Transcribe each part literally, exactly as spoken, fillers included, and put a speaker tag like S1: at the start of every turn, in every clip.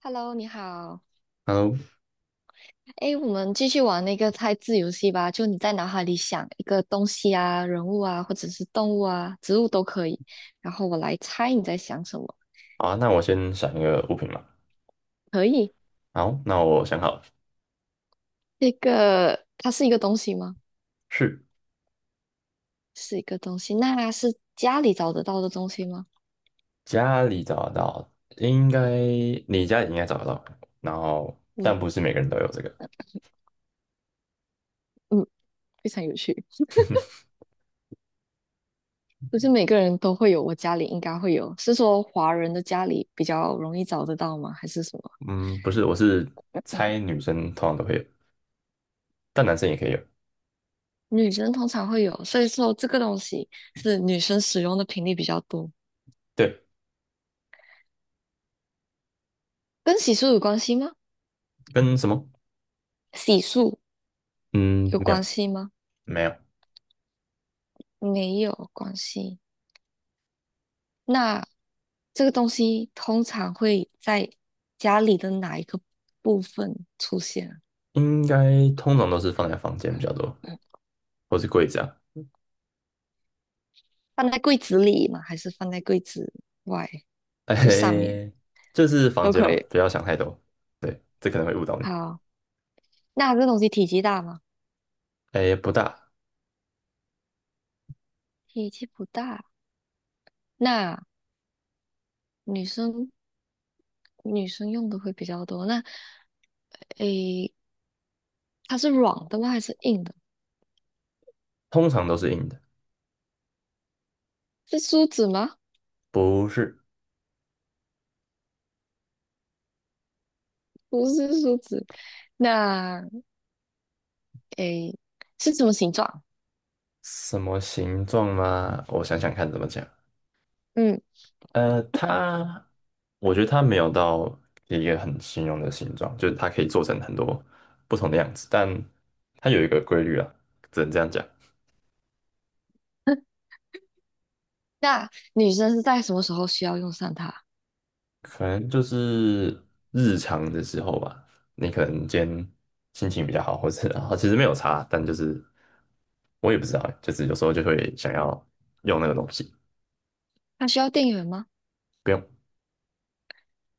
S1: Hello，你好。
S2: h e
S1: 哎，我们继续玩那个猜字游戏吧。就你在脑海里想一个东西啊、人物啊，或者是动物啊、植物都可以，然后我来猜你在想什么。
S2: 好啊，那我先想一个物品嘛。
S1: 可以。
S2: 好，那我想好了，
S1: 这个它是一个东西吗？
S2: 是
S1: 是一个东西。那是家里找得到的东西吗？
S2: 家里找得到，应该你家里应该找得到，然后
S1: 我
S2: 但不是每个人都有这个。
S1: 嗯，非常有趣。不是每个人都会有，我家里应该会有。是说华人的家里比较容易找得到吗？还是什么？
S2: 嗯，不是，我是猜女生通常都会有，但男生也可以有。
S1: 女生通常会有，所以说这个东西是女生使用的频率比较多。
S2: 对，
S1: 跟洗漱有关系吗？
S2: 跟什么？
S1: 洗漱
S2: 嗯，
S1: 有
S2: 没有，
S1: 关系吗？
S2: 没有，
S1: 没有关系。那这个东西通常会在家里的哪一个部分出现啊。
S2: 应该通常都是放在房间比较多，
S1: 嗯，
S2: 或是柜子啊。
S1: 放在柜子里吗？还是放在柜子外？就上面
S2: 哎，这是房
S1: 都
S2: 间
S1: 可
S2: 嘛，
S1: 以。
S2: 不要想太多。对，这可能会误导你。
S1: 好，那这东西体积大吗？
S2: 哎，不大，
S1: 体积不大。那女生女生用的会比较多。那诶，它是软的吗？还是硬的？
S2: 通常都是硬的，
S1: 是梳子吗？
S2: 不是。
S1: 不是梳子，那诶，是什么形状？
S2: 什么形状吗？我想想看怎么讲。
S1: 嗯，
S2: 呃，它，我觉得它没有到一个很形容的形状，就是它可以做成很多不同的样子，但它有一个规律啊，只能这样讲。
S1: 那女生是在什么时候需要用上它？
S2: 可能就是日常的时候吧，你可能今天心情比较好，或者然其实没有差，但就是我也不知道欸就是有时候就会想要用那个东西，
S1: 它需要电源吗？
S2: 不用，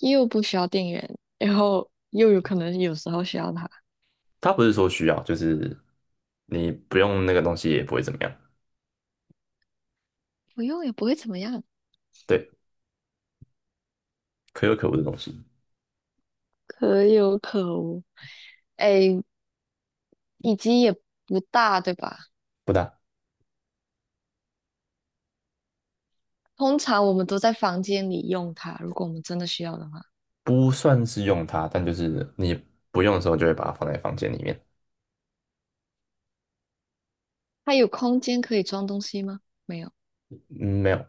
S1: 又不需要电源，然后又有可能有时候需要它，
S2: 它不是说需要，就是你不用那个东西也不会怎么样。
S1: 不用也不会怎么样，
S2: 对。可有可无的东西，
S1: 可有可无。诶，以及也不大，对吧？
S2: 不大，
S1: 通常我们都在房间里用它，如果我们真的需要的话，
S2: 不算是用它，但就是你不用的时候就会把它放在房间里面。
S1: 它有空间可以装东西吗？没有。
S2: 嗯，没有，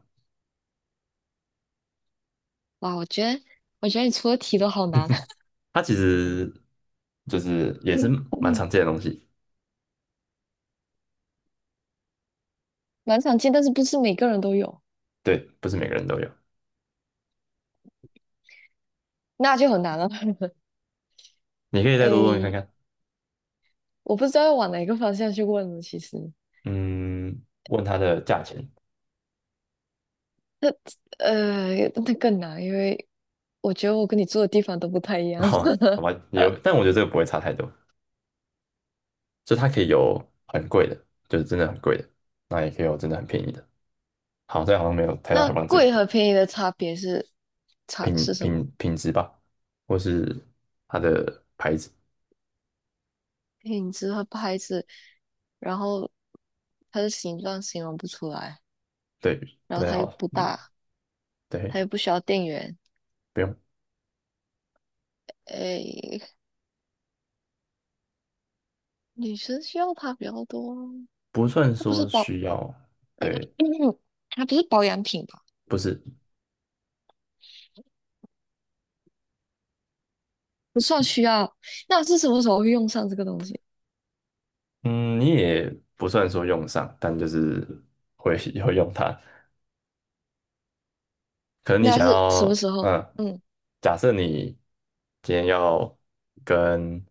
S1: 哇，我觉得，我觉得你出的题都好难。
S2: 它其实就是也是 蛮常见的东西，
S1: 蛮常见，但是不是每个人都有，
S2: 对，不是每个人都有。
S1: 那就很难了。
S2: 你可以再多多问看
S1: 诶，
S2: 看，
S1: 我不知道要往哪个方向去问了。其实，
S2: 嗯，问它的价钱，
S1: 那呃，那更难，因为我觉得我跟你住的地方都不太一 样。
S2: 哦，好吧，也有，但我觉得这个不会差太多，就它可以有很贵的，就是真的很贵的，那也可以有真的很便宜的。好，这样好像没有太大
S1: 那
S2: 的帮助，
S1: 贵和便宜的差别是差
S2: 品
S1: 是什么？
S2: 品品质吧，或是它的牌子，
S1: 品质和牌子，然后它的形状形容不出来，
S2: 对，
S1: 然
S2: 不
S1: 后
S2: 太
S1: 它又
S2: 好。
S1: 不大，
S2: 对，
S1: 它又不需要电源。
S2: 不用，
S1: 诶，女生需要它比较多啊，
S2: 不算
S1: 它不是
S2: 说
S1: 保
S2: 需要，对，
S1: 它不是保养品吧？
S2: 不是，
S1: 不算需要。那是什么时候会用上这个东西？
S2: 嗯，你也不算说用上，但就是会 会用它。可能你
S1: 那
S2: 想
S1: 是什么
S2: 要，
S1: 时候？
S2: 嗯，
S1: 嗯，
S2: 假设你今天要跟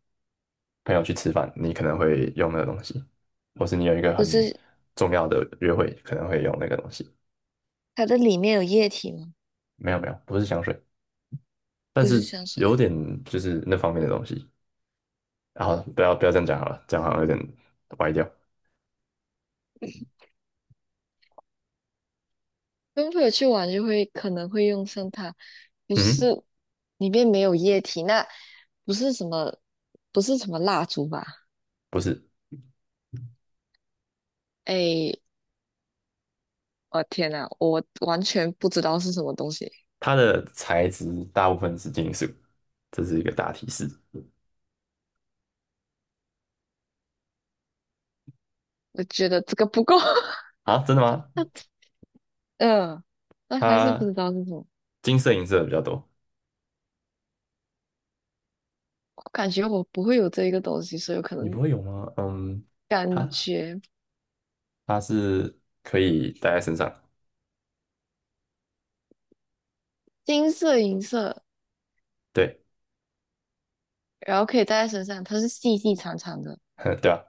S2: 朋友去吃饭，你可能会用那个东西，或是你有一个
S1: 不
S2: 很
S1: 是
S2: 重要的约会，可能会用那个东西。
S1: 它的里面有液体吗？
S2: 没有没有，不是香水，但
S1: 不是
S2: 是
S1: 香水。
S2: 有点就是那方面的东西。然后不要不要这样讲好了，这样好像有点歪掉。
S1: 跟朋友去玩就会可能会用上它，不是
S2: 嗯，
S1: 里面没有液体，那不是什么不是什么蜡烛吧？
S2: 不是。
S1: 哎，我天呐，我完全不知道是什么东西。
S2: 它的材质大部分是金属，这是一个大提示。
S1: 我觉得这个不够，
S2: 啊，真的吗？
S1: 嗯，那还是不
S2: 它
S1: 知道是什么。
S2: 金色、银色的比较多，
S1: 我感觉我不会有这一个东西，所以我可
S2: 你不
S1: 能
S2: 会有吗？嗯，它
S1: 感觉
S2: 它是可以戴在身上，
S1: 金色、银色。
S2: 对，
S1: 然后可以戴在身上，它是细细长长的。
S2: 对啊，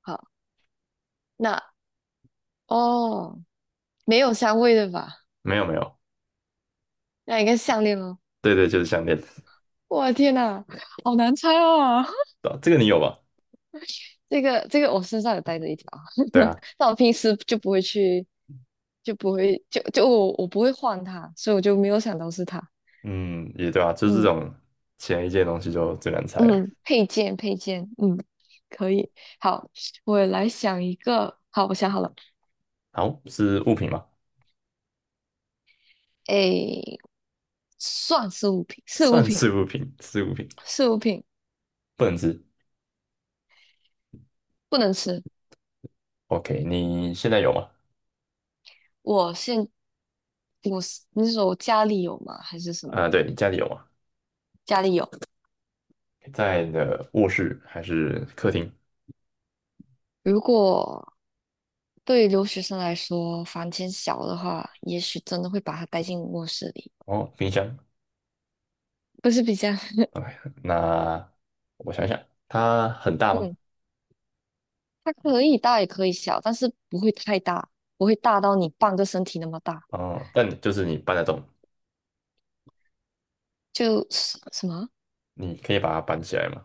S1: 好，那哦，没有香味的吧？
S2: 没有没有，
S1: 那应该是项链哦。
S2: 对对，就是项链，对
S1: 我天呐，好难猜哦！
S2: 啊这个你有吧？
S1: 这个这个我身上有带着一条，
S2: 对 啊，
S1: 但我平时就不会去，就不会就就我我不会换它，所以我就没有想到是它。
S2: 嗯，也对啊，就是这
S1: 嗯
S2: 种前一件东西就最难猜了。
S1: 嗯，配件配件，嗯，可以。好，我来想一个。好，我想好了。
S2: 好，是物品吗？
S1: 诶，算是物品，是物
S2: 算
S1: 品，
S2: 是物品，是物品，
S1: 是物品，
S2: 不能吃。
S1: 不能吃。
S2: OK，你现在有吗？
S1: 我现我是你是说我家里有吗？还是什么？
S2: 啊、对，你家里有吗？
S1: 家里有。
S2: 在你的卧室还是客厅？
S1: 如果对于留学生来说，房间小的话，也许真的会把它带进卧室里，
S2: 哦，冰箱。
S1: 不是比较。
S2: 哎，那我想想，它很大 吗？
S1: 嗯，它可以大也可以小，但是不会太大，不会大到你半个身体那么大。
S2: 哦，但你就是你搬得动，
S1: 就是什么？
S2: 你可以把它搬起来嘛。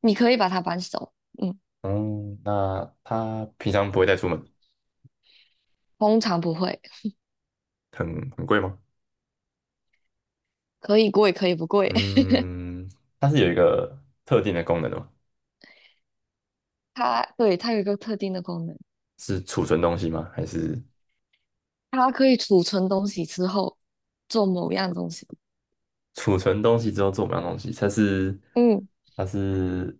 S1: 你可以把它搬走，嗯，
S2: 嗯，那它平常不会带出门，
S1: 通常不会，
S2: 很很贵吗？
S1: 可以贵可以不贵。
S2: 嗯，它是有一个特定的功能的吗？
S1: 它对它有一个特定的功能，
S2: 是储存东西吗？还是
S1: 它可以储存东西之后做某样东西。
S2: 储存东西之后做不了东西？它是
S1: 嗯。
S2: 它是，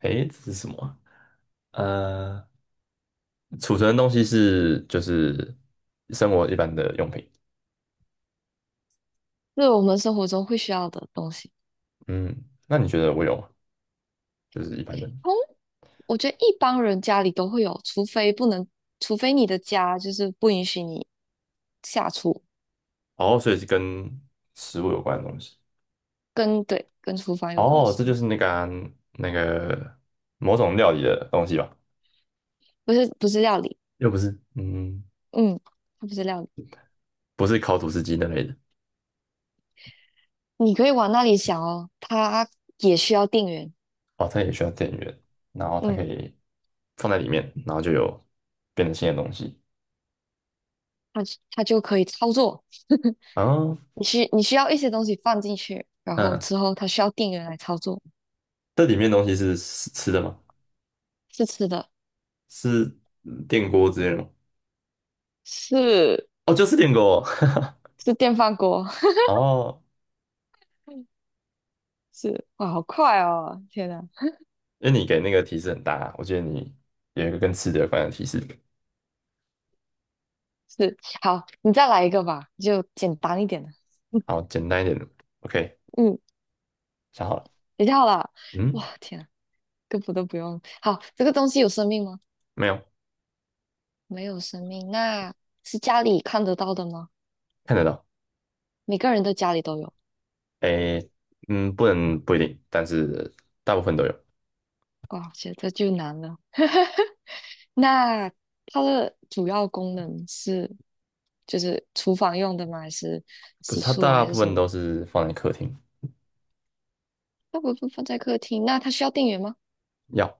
S2: 诶，这是什么啊？呃储存的东西是就是生活一般的用品。
S1: 是我们生活中会需要的东西。
S2: 嗯，那你觉得我有吗？就是一般的。
S1: 通，我觉得一般人家里都会有，除非不能，除非你的家就是不允许你下厨，
S2: 哦，所以是跟食物有关的东西。
S1: 跟对跟厨房有关
S2: 哦，这就
S1: 系，
S2: 是那个啊那个某种料理的东西吧？
S1: 不是不是料理，
S2: 又不是，嗯，
S1: 嗯，它不是料理，
S2: 不是烤吐司机那类的。
S1: 你可以往那里想哦，它也需要电源，
S2: 哦，它也需要电源，然后它可
S1: 嗯，
S2: 以放在里面，然后就有变成新的东西。
S1: 它它就可以操作，
S2: 哦，
S1: 你需你需要一些东西放进去，然后
S2: 嗯，
S1: 之后它需要电源来操作，
S2: 这里面的东西是是吃的吗？
S1: 是吃的，
S2: 是嗯电锅之类的吗？
S1: 是
S2: 哦，就是电锅。
S1: 是电饭锅，
S2: 哦，
S1: 是哇，好快哦，天哪！
S2: 因为你给那个提示很大啊我觉得你有一个跟吃的有关的提示。
S1: 是，好，你再来一个吧，就简单一点的。
S2: 好，简单一点，OK，
S1: 嗯，
S2: 想好了。
S1: 比较好了。
S2: 嗯，
S1: 哇，天啊，根本都不用。好，这个东西有生命吗？
S2: 没有，
S1: 没有生命，那是家里看得到的吗？
S2: 看得到。
S1: 每个人的家里都有。
S2: 诶，嗯，不能不一定，但是大部分都有。
S1: 哇，觉得这就难了。那它的主要功能是，就是厨房用的吗？还是
S2: 不
S1: 洗
S2: 是，它
S1: 漱啊，
S2: 大
S1: 还是
S2: 部
S1: 什
S2: 分
S1: 么？
S2: 都是放在客厅，
S1: 那不不放在客厅，那它需要电源吗？
S2: 要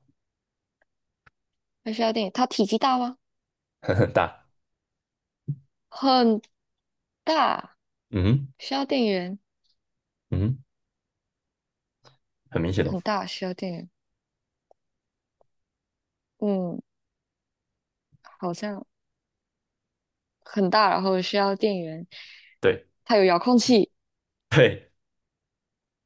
S1: 还需要电源，它体积大吗？
S2: 很大。
S1: 很大，
S2: 嗯哼。
S1: 需要电源，
S2: 嗯哼。很明显哦。
S1: 很大，需要电源。嗯，好像很大，然后需要电源，
S2: 对
S1: 它有遥控器
S2: 对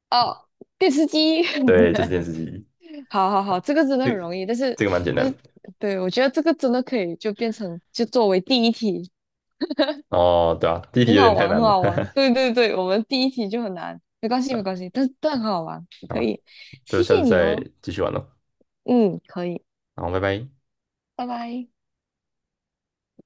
S1: 哦，电视机。
S2: 对，就是电视机。
S1: 好好好，这个真的
S2: 这
S1: 很
S2: 个
S1: 容易，但是
S2: 这个蛮简单
S1: 但是
S2: 的。
S1: 对，我觉得这个真的可以就变成就作为第一题，
S2: 哦，对啊，第一题
S1: 很
S2: 有
S1: 好
S2: 点太
S1: 玩，很
S2: 难了。
S1: 好玩。对对对，我们第一题就很难，没关系
S2: 对
S1: 没
S2: 啊，
S1: 关系，但但很好玩，
S2: 好
S1: 可
S2: 啊，
S1: 以，
S2: 就
S1: 谢
S2: 下
S1: 谢
S2: 次
S1: 你
S2: 再
S1: 哦。
S2: 继续玩喽。
S1: 嗯，可以，
S2: 后拜拜。
S1: 拜拜。